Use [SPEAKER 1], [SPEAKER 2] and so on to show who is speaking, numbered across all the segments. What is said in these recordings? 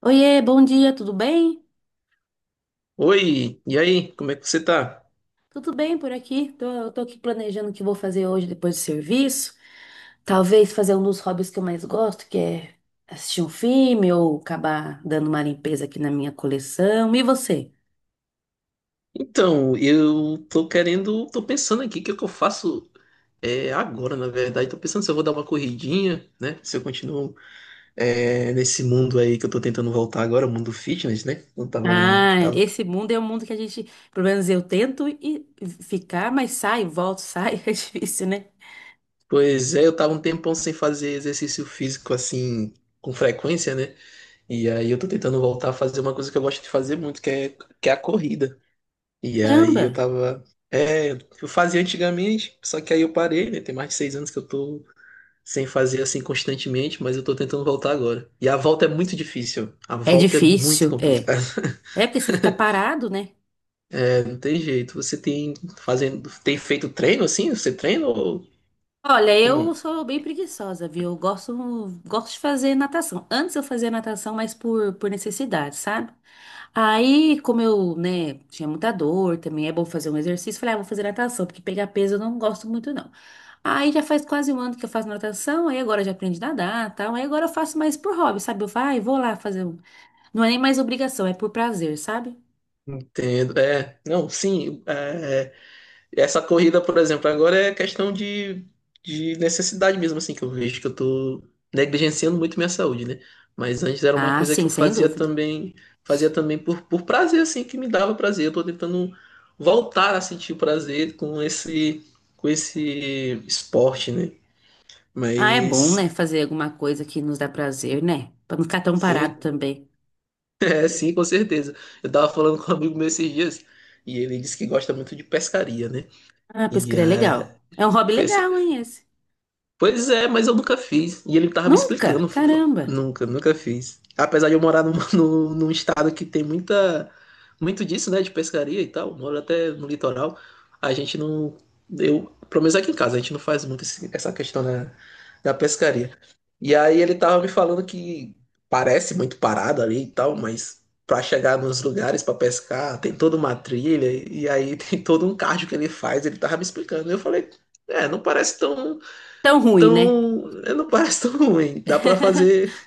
[SPEAKER 1] Oiê, bom dia, tudo bem?
[SPEAKER 2] Oi, e aí, como é que você tá?
[SPEAKER 1] Tudo bem por aqui? Eu tô aqui planejando o que vou fazer hoje depois do serviço. Talvez fazer um dos hobbies que eu mais gosto, que é assistir um filme ou acabar dando uma limpeza aqui na minha coleção. E você?
[SPEAKER 2] Então, eu tô querendo, tô pensando aqui o que é que eu faço agora, na verdade. Tô pensando se eu vou dar uma corridinha, né? Se eu continuo nesse mundo aí que eu tô tentando voltar agora, o mundo fitness, né? Eu
[SPEAKER 1] Ah,
[SPEAKER 2] tava...
[SPEAKER 1] esse mundo é um mundo que a gente, pelo menos eu tento e ficar, mas sai, volto, sai, é difícil, né?
[SPEAKER 2] Pois é, eu tava um tempão sem fazer exercício físico assim, com frequência, né? E aí eu tô tentando voltar a fazer uma coisa que eu gosto de fazer muito, que é a corrida. E aí
[SPEAKER 1] Caramba!
[SPEAKER 2] eu tava. É, eu fazia antigamente, só que aí eu parei, né? Tem mais de seis anos que eu tô sem fazer assim constantemente, mas eu tô tentando voltar agora. E a volta é muito difícil. A
[SPEAKER 1] É
[SPEAKER 2] volta é muito
[SPEAKER 1] difícil, é.
[SPEAKER 2] complicada.
[SPEAKER 1] É porque você fica parado, né?
[SPEAKER 2] É, não tem jeito. Você tem fazendo, tem feito treino assim? Você treina ou,
[SPEAKER 1] Olha,
[SPEAKER 2] ou
[SPEAKER 1] eu
[SPEAKER 2] não?
[SPEAKER 1] sou bem preguiçosa, viu? Eu gosto de fazer natação. Antes eu fazia natação, mas por necessidade, sabe? Aí, como eu, né, tinha muita dor, também é bom fazer um exercício, falei, ah, vou fazer natação, porque pegar peso eu não gosto muito, não. Aí já faz quase um ano que eu faço natação, aí agora eu já aprendi a nadar, tal. Aí agora eu faço mais por hobby, sabe? Eu falo, ah, eu vou lá fazer um. Não é nem mais obrigação, é por prazer, sabe?
[SPEAKER 2] Entendo. É, não, sim. Essa corrida, por exemplo, agora é questão de necessidade mesmo, assim, que eu vejo que eu tô negligenciando muito minha saúde, né? Mas antes era uma
[SPEAKER 1] Ah,
[SPEAKER 2] coisa que
[SPEAKER 1] sim,
[SPEAKER 2] eu
[SPEAKER 1] sem dúvida.
[SPEAKER 2] fazia também por prazer, assim, que me dava prazer. Eu tô tentando voltar a sentir prazer com esse esporte, né?
[SPEAKER 1] Ah, é bom, né,
[SPEAKER 2] Mas
[SPEAKER 1] fazer alguma coisa que nos dá prazer, né? Pra não ficar tão
[SPEAKER 2] sim,
[SPEAKER 1] parado também.
[SPEAKER 2] é sim, com certeza. Eu tava falando com um amigo meu esses dias e ele disse que gosta muito de pescaria, né?
[SPEAKER 1] Ah,
[SPEAKER 2] E
[SPEAKER 1] pescar
[SPEAKER 2] a
[SPEAKER 1] é legal. É um hobby legal, hein, esse?
[SPEAKER 2] Pois é, mas eu nunca fiz. E ele tava me
[SPEAKER 1] Nunca?
[SPEAKER 2] explicando, fofa.
[SPEAKER 1] Caramba.
[SPEAKER 2] Nunca fiz. Apesar de eu morar num estado que tem muito disso, né, de pescaria e tal, moro até no litoral, a gente não, eu, pelo menos aqui em casa, a gente não faz muito essa questão da pescaria. E aí ele tava me falando que parece muito parado ali e tal, mas pra chegar nos lugares pra pescar, tem toda uma trilha, e aí tem todo um cardio que ele faz, ele tava me explicando. Eu falei, é, não parece tão
[SPEAKER 1] Tão ruim, né?
[SPEAKER 2] Não parece tão ruim. Dá pra fazer.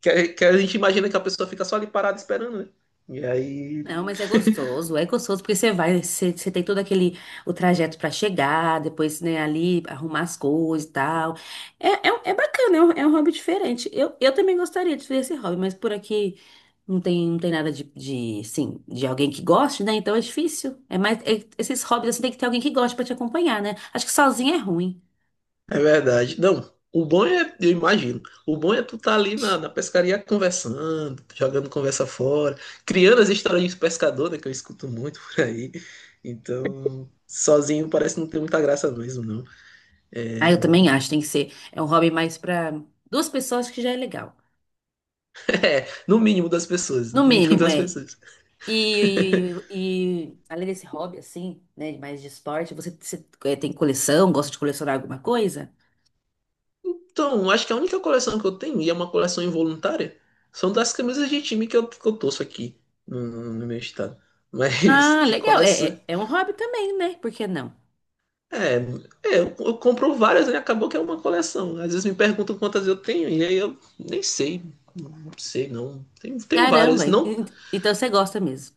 [SPEAKER 2] Que a gente imagina que a pessoa fica só ali parada esperando, né? E aí.
[SPEAKER 1] Não, mas é gostoso porque você tem todo aquele o trajeto pra chegar, depois, né, ali arrumar as coisas e tal. É bacana, é um hobby diferente. Eu também gostaria de fazer esse hobby, mas por aqui não tem, não tem nada de assim, de alguém que goste, né? Então é difícil. Esses hobbies assim, tem que ter alguém que goste pra te acompanhar, né? Acho que sozinho é ruim.
[SPEAKER 2] É verdade. Não, o bom é, eu imagino, o bom é tu tá ali na pescaria conversando, jogando conversa fora, criando as histórias de pescador, né, que eu escuto muito por aí. Então, sozinho parece não ter muita graça mesmo, não.
[SPEAKER 1] Ah, eu
[SPEAKER 2] É,
[SPEAKER 1] também acho, tem que ser. É um hobby mais para duas pessoas que já é legal.
[SPEAKER 2] é, no mínimo das pessoas,
[SPEAKER 1] No
[SPEAKER 2] no mínimo
[SPEAKER 1] mínimo,
[SPEAKER 2] das
[SPEAKER 1] é.
[SPEAKER 2] pessoas.
[SPEAKER 1] E, e além desse hobby, assim, né, mais de esporte, você, é, tem coleção, gosta de colecionar alguma coisa?
[SPEAKER 2] Então, acho que a única coleção que eu tenho, e é uma coleção involuntária, são das camisas de time que eu torço aqui no meu estado. Mas
[SPEAKER 1] Ah,
[SPEAKER 2] de
[SPEAKER 1] legal.
[SPEAKER 2] coleção.
[SPEAKER 1] É um hobby também, né? Por que não?
[SPEAKER 2] É, é, eu compro várias, né? Acabou que é uma coleção. Às vezes me perguntam quantas eu tenho, e aí eu nem sei. Não sei, não. Tenho várias.
[SPEAKER 1] Caramba, en-
[SPEAKER 2] Não
[SPEAKER 1] en- então você gosta mesmo.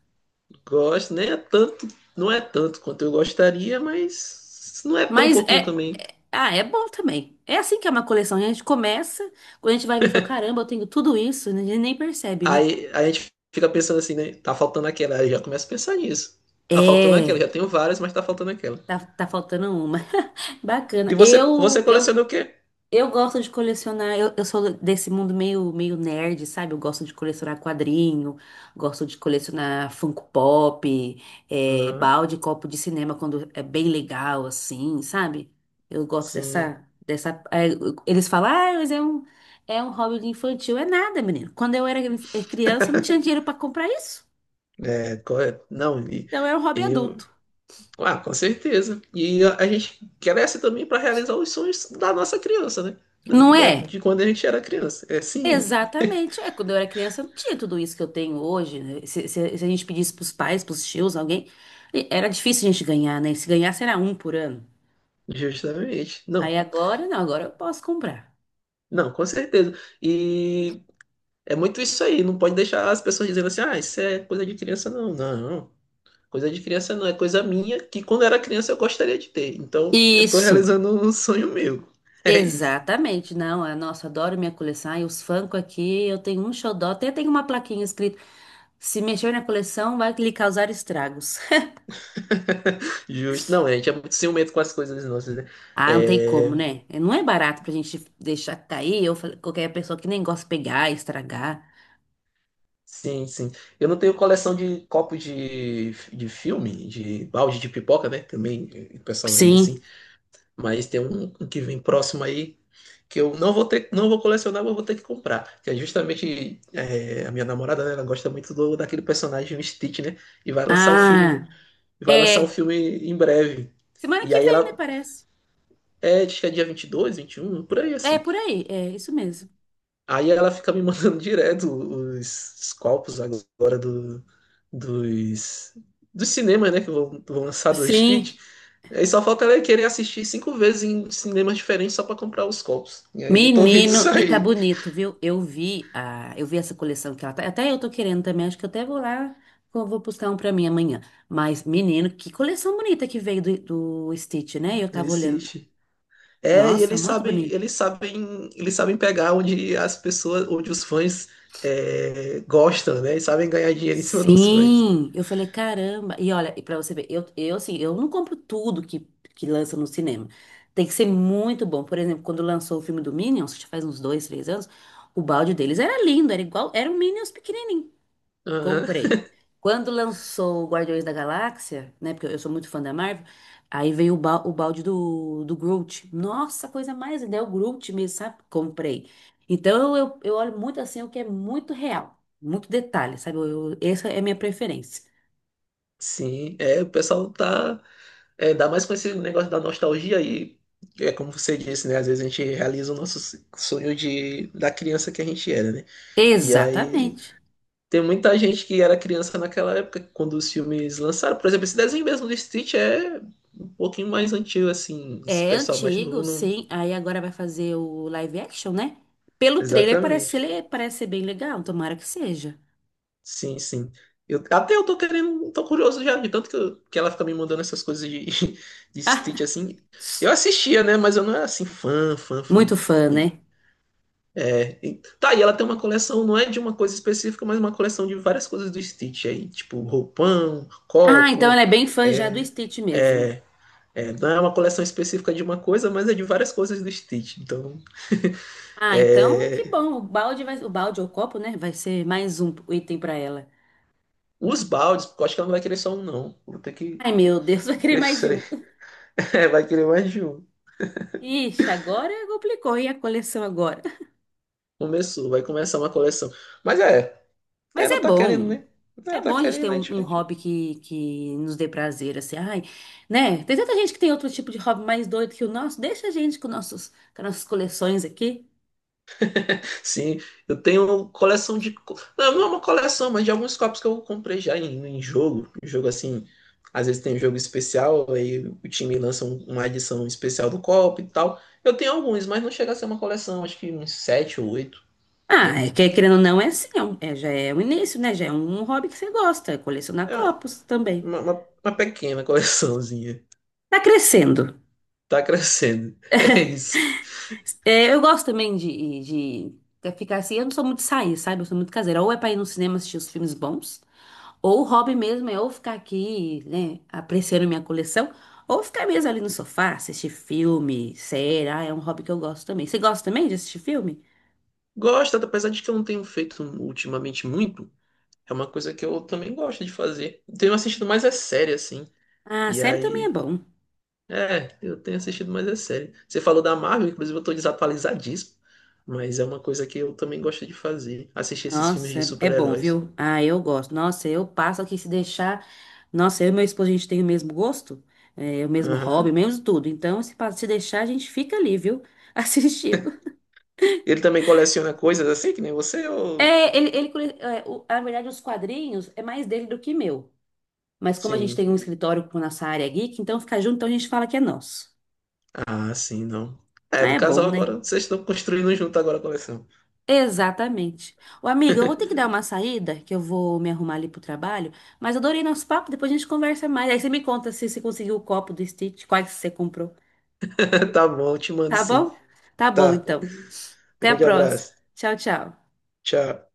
[SPEAKER 2] gosto, nem é tanto, não é tanto quanto eu gostaria, mas não é tão
[SPEAKER 1] Mas
[SPEAKER 2] pouquinho
[SPEAKER 1] é.
[SPEAKER 2] também.
[SPEAKER 1] Ah, é bom também. É assim que é uma coleção. A gente começa, quando a gente vai ver, fala, caramba, eu tenho tudo isso, né? A gente nem percebe, né?
[SPEAKER 2] Aí a gente fica pensando assim, né? Tá faltando aquela. Aí já começa a pensar nisso. Tá faltando aquela.
[SPEAKER 1] É,
[SPEAKER 2] Já tenho várias, mas tá faltando aquela.
[SPEAKER 1] tá faltando uma.
[SPEAKER 2] E
[SPEAKER 1] Bacana.
[SPEAKER 2] você, você
[SPEAKER 1] Eu,
[SPEAKER 2] coleciona
[SPEAKER 1] eu,
[SPEAKER 2] o quê?
[SPEAKER 1] Eu gosto de colecionar, eu sou desse mundo meio nerd, sabe? Eu gosto de colecionar quadrinho, gosto de colecionar Funko Pop, é,
[SPEAKER 2] Aham,
[SPEAKER 1] balde, copo de cinema quando é bem legal, assim, sabe? Eu gosto
[SPEAKER 2] sim.
[SPEAKER 1] dessa. Eles falam, ah, mas é um hobby infantil. É nada, menino. Quando eu era criança, eu não tinha dinheiro para comprar isso.
[SPEAKER 2] É, correto. Não,
[SPEAKER 1] Então é um hobby
[SPEAKER 2] e.
[SPEAKER 1] adulto.
[SPEAKER 2] Ah, com certeza. E a gente cresce também para realizar os sonhos da nossa criança, né?
[SPEAKER 1] Não é?
[SPEAKER 2] De quando a gente era criança. É, sim,
[SPEAKER 1] Exatamente. É, quando eu era criança, não tinha tudo isso que eu tenho hoje, né? Se a gente pedisse pros pais, pros tios, alguém, era difícil a gente ganhar, né? Se ganhasse era um por ano.
[SPEAKER 2] justamente.
[SPEAKER 1] Aí
[SPEAKER 2] Não,
[SPEAKER 1] agora, não, agora eu posso comprar.
[SPEAKER 2] não, com certeza. E é muito isso aí. Não pode deixar as pessoas dizendo assim, ah, isso é coisa de criança, não. Não. Coisa de criança não, é coisa minha que quando era criança eu gostaria de ter. Então eu tô
[SPEAKER 1] Isso,
[SPEAKER 2] realizando um sonho meu. É isso.
[SPEAKER 1] exatamente. Não, ah, nossa, adoro minha coleção. E os Funko aqui, eu tenho um xodó, até tem uma plaquinha escrito: se mexer na coleção, vai lhe causar estragos.
[SPEAKER 2] Justo. Não, a gente é muito ciumento com as coisas nossas, né?
[SPEAKER 1] Ah, não tem
[SPEAKER 2] É...
[SPEAKER 1] como, né? Não é barato pra gente deixar cair, ou qualquer pessoa que nem gosta de pegar, estragar.
[SPEAKER 2] Sim, sim. Eu não tenho coleção de copos de filme, de balde de pipoca, né? Também o pessoal vende assim.
[SPEAKER 1] Sim.
[SPEAKER 2] Mas tem um que vem próximo aí que eu não vou ter, não vou colecionar, mas vou ter que comprar. Que é justamente a minha namorada, né? Ela gosta muito daquele personagem, o Stitch, né? E vai lançar o filme
[SPEAKER 1] Ah.
[SPEAKER 2] Vai lançar o
[SPEAKER 1] É,
[SPEAKER 2] filme em breve.
[SPEAKER 1] semana
[SPEAKER 2] E
[SPEAKER 1] que
[SPEAKER 2] aí
[SPEAKER 1] vem, né,
[SPEAKER 2] ela.
[SPEAKER 1] parece.
[SPEAKER 2] É, acho que é dia 22, um por aí
[SPEAKER 1] É,
[SPEAKER 2] assim.
[SPEAKER 1] por aí, é isso mesmo.
[SPEAKER 2] Aí ela fica me mandando direto os copos agora dos, dos cinemas, né? Vão lançar do
[SPEAKER 1] Sim,
[SPEAKER 2] Street. Aí só falta ela querer assistir cinco vezes em cinemas diferentes só pra comprar os copos. E aí eu tô vendo isso
[SPEAKER 1] menino, e tá
[SPEAKER 2] aí
[SPEAKER 1] bonito, viu? Eu vi essa coleção que ela tá, até eu tô querendo também, acho que eu até vou lá, eu vou buscar um pra mim amanhã. Mas, menino, que coleção bonita que veio do Stitch, né? Eu
[SPEAKER 2] do
[SPEAKER 1] tava olhando,
[SPEAKER 2] Street. É, e
[SPEAKER 1] nossa, muito bonito.
[SPEAKER 2] eles sabem pegar onde as pessoas, onde os fãs gostam, né? E sabem ganhar dinheiro em cima dos fãs.
[SPEAKER 1] Sim, eu falei, caramba. E olha, e para você ver, eu assim, eu não compro tudo que lança no cinema. Tem que ser muito bom. Por exemplo, quando lançou o filme do Minions, que já faz uns dois, três anos, o balde deles era lindo, era igual, era um Minions pequenininho.
[SPEAKER 2] Aham,
[SPEAKER 1] Comprei. Quando lançou o Guardiões da Galáxia, né? Porque eu sou muito fã da Marvel, aí veio o balde do Groot. Nossa, coisa mais linda, é o Groot mesmo, sabe? Comprei. Então eu olho muito assim o que é muito real, muito detalhe, sabe? Essa é a minha preferência.
[SPEAKER 2] sim, é, o pessoal tá, é, dá mais com esse negócio da nostalgia aí, é como você disse, né, às vezes a gente realiza o nosso sonho da criança que a gente era, né, e aí
[SPEAKER 1] Exatamente.
[SPEAKER 2] tem muita gente que era criança naquela época, quando os filmes lançaram, por exemplo, esse desenho mesmo do Stitch é um pouquinho mais antigo, assim, esse
[SPEAKER 1] É
[SPEAKER 2] pessoal mais
[SPEAKER 1] antigo,
[SPEAKER 2] novo não...
[SPEAKER 1] sim. Aí agora vai fazer o live action, né? Pelo trailer
[SPEAKER 2] Exatamente.
[SPEAKER 1] parece ser bem legal, tomara que seja.
[SPEAKER 2] Sim, sim. Até eu tô querendo, tô curioso já, de tanto que, que ela fica me mandando essas coisas de Stitch assim. Eu assistia, né? Mas eu não era assim, fã.
[SPEAKER 1] Muito fã,
[SPEAKER 2] E,
[SPEAKER 1] né?
[SPEAKER 2] e ela tem uma coleção, não é de uma coisa específica, mas uma coleção de várias coisas do Stitch aí, tipo roupão,
[SPEAKER 1] Ah, então
[SPEAKER 2] copo.
[SPEAKER 1] ela é bem fã já do
[SPEAKER 2] É,
[SPEAKER 1] Stitch mesmo.
[SPEAKER 2] é, é, não é uma coleção específica de uma coisa, mas é de várias coisas do Stitch. Então,
[SPEAKER 1] Ah, então
[SPEAKER 2] é,
[SPEAKER 1] que bom. O balde vai, o balde ou o copo, né? Vai ser mais um item pra ela.
[SPEAKER 2] os baldes, porque eu acho que ela não vai querer só um, não. Vou ter que
[SPEAKER 1] Ai, meu Deus, vai querer
[SPEAKER 2] ver
[SPEAKER 1] mais de
[SPEAKER 2] se
[SPEAKER 1] um.
[SPEAKER 2] vai querer mais de um.
[SPEAKER 1] Ixi, agora complicou. E a coleção agora?
[SPEAKER 2] Começou, vai começar uma coleção. Mas é,
[SPEAKER 1] Mas
[SPEAKER 2] ela
[SPEAKER 1] é
[SPEAKER 2] tá querendo,
[SPEAKER 1] bom.
[SPEAKER 2] né?
[SPEAKER 1] É
[SPEAKER 2] Ela tá
[SPEAKER 1] bom a gente ter
[SPEAKER 2] querendo,
[SPEAKER 1] um, um hobby que nos dê prazer, assim. Ai, né? Tem tanta gente que tem outro tipo de hobby mais doido que o nosso. Deixa a gente com nossos, com as nossas coleções aqui.
[SPEAKER 2] Sim, eu tenho uma coleção de. Não, não é uma coleção, mas de alguns copos que eu comprei já em, em jogo. Em jogo assim. Às vezes tem um jogo especial, aí o time lança uma edição especial do copo e tal. Eu tenho alguns, mas não chega a ser uma coleção, acho que uns sete ou oito,
[SPEAKER 1] Ah,
[SPEAKER 2] né?
[SPEAKER 1] é que querendo ou não, é assim. Já é um início, né? Já é um hobby que você gosta. É colecionar
[SPEAKER 2] É
[SPEAKER 1] copos também.
[SPEAKER 2] uma pequena coleçãozinha.
[SPEAKER 1] Tá crescendo.
[SPEAKER 2] Tá crescendo. É isso.
[SPEAKER 1] É, eu gosto também de ficar assim. Eu não sou muito de sair, sabe? Eu sou muito caseira. Ou é pra ir no cinema assistir os filmes bons, ou o hobby mesmo é ou ficar aqui, né, apreciando minha coleção, ou ficar mesmo ali no sofá, assistir filme, série. Ah, é um hobby que eu gosto também. Você gosta também de assistir filme?
[SPEAKER 2] Gosto, apesar de que eu não tenho feito ultimamente muito. É uma coisa que eu também gosto de fazer. Tenho assistido mais é série, assim.
[SPEAKER 1] Ah,
[SPEAKER 2] E
[SPEAKER 1] série também é
[SPEAKER 2] aí.
[SPEAKER 1] bom.
[SPEAKER 2] É, eu tenho assistido mais é série. Você falou da Marvel, inclusive eu tô desatualizadíssimo. Mas é uma coisa que eu também gosto de fazer. Assistir esses filmes
[SPEAKER 1] Nossa,
[SPEAKER 2] de
[SPEAKER 1] é, é bom,
[SPEAKER 2] super-heróis.
[SPEAKER 1] viu? Ah, eu gosto. Nossa, eu passo aqui se deixar. Nossa, eu e meu esposo, a gente tem o mesmo gosto, é, o mesmo hobby,
[SPEAKER 2] Aham.
[SPEAKER 1] mesmo tudo. Então, se deixar, a gente fica ali, viu? Assistindo.
[SPEAKER 2] Ele também coleciona coisas assim, que nem você, ou.
[SPEAKER 1] É, ele, na verdade, os quadrinhos é mais dele do que meu. Mas como a gente
[SPEAKER 2] Sim.
[SPEAKER 1] tem um escritório com nossa área geek, então fica junto, então a gente fala que é nosso.
[SPEAKER 2] Ah, sim, não. É,
[SPEAKER 1] Ah,
[SPEAKER 2] do
[SPEAKER 1] é
[SPEAKER 2] casal
[SPEAKER 1] bom, né?
[SPEAKER 2] agora, vocês estão construindo junto agora a coleção.
[SPEAKER 1] Exatamente. Ô, amiga, eu vou ter que dar uma saída, que eu vou me arrumar ali pro trabalho, mas adorei nosso papo, depois a gente conversa mais. Aí você me conta se você conseguiu o copo do Stitch, quais você comprou.
[SPEAKER 2] Tá bom, eu te mando
[SPEAKER 1] Tá
[SPEAKER 2] sim.
[SPEAKER 1] bom? Tá bom,
[SPEAKER 2] Tá.
[SPEAKER 1] então. Até a
[SPEAKER 2] Grande
[SPEAKER 1] próxima.
[SPEAKER 2] abraço.
[SPEAKER 1] Tchau, tchau.
[SPEAKER 2] Tchau.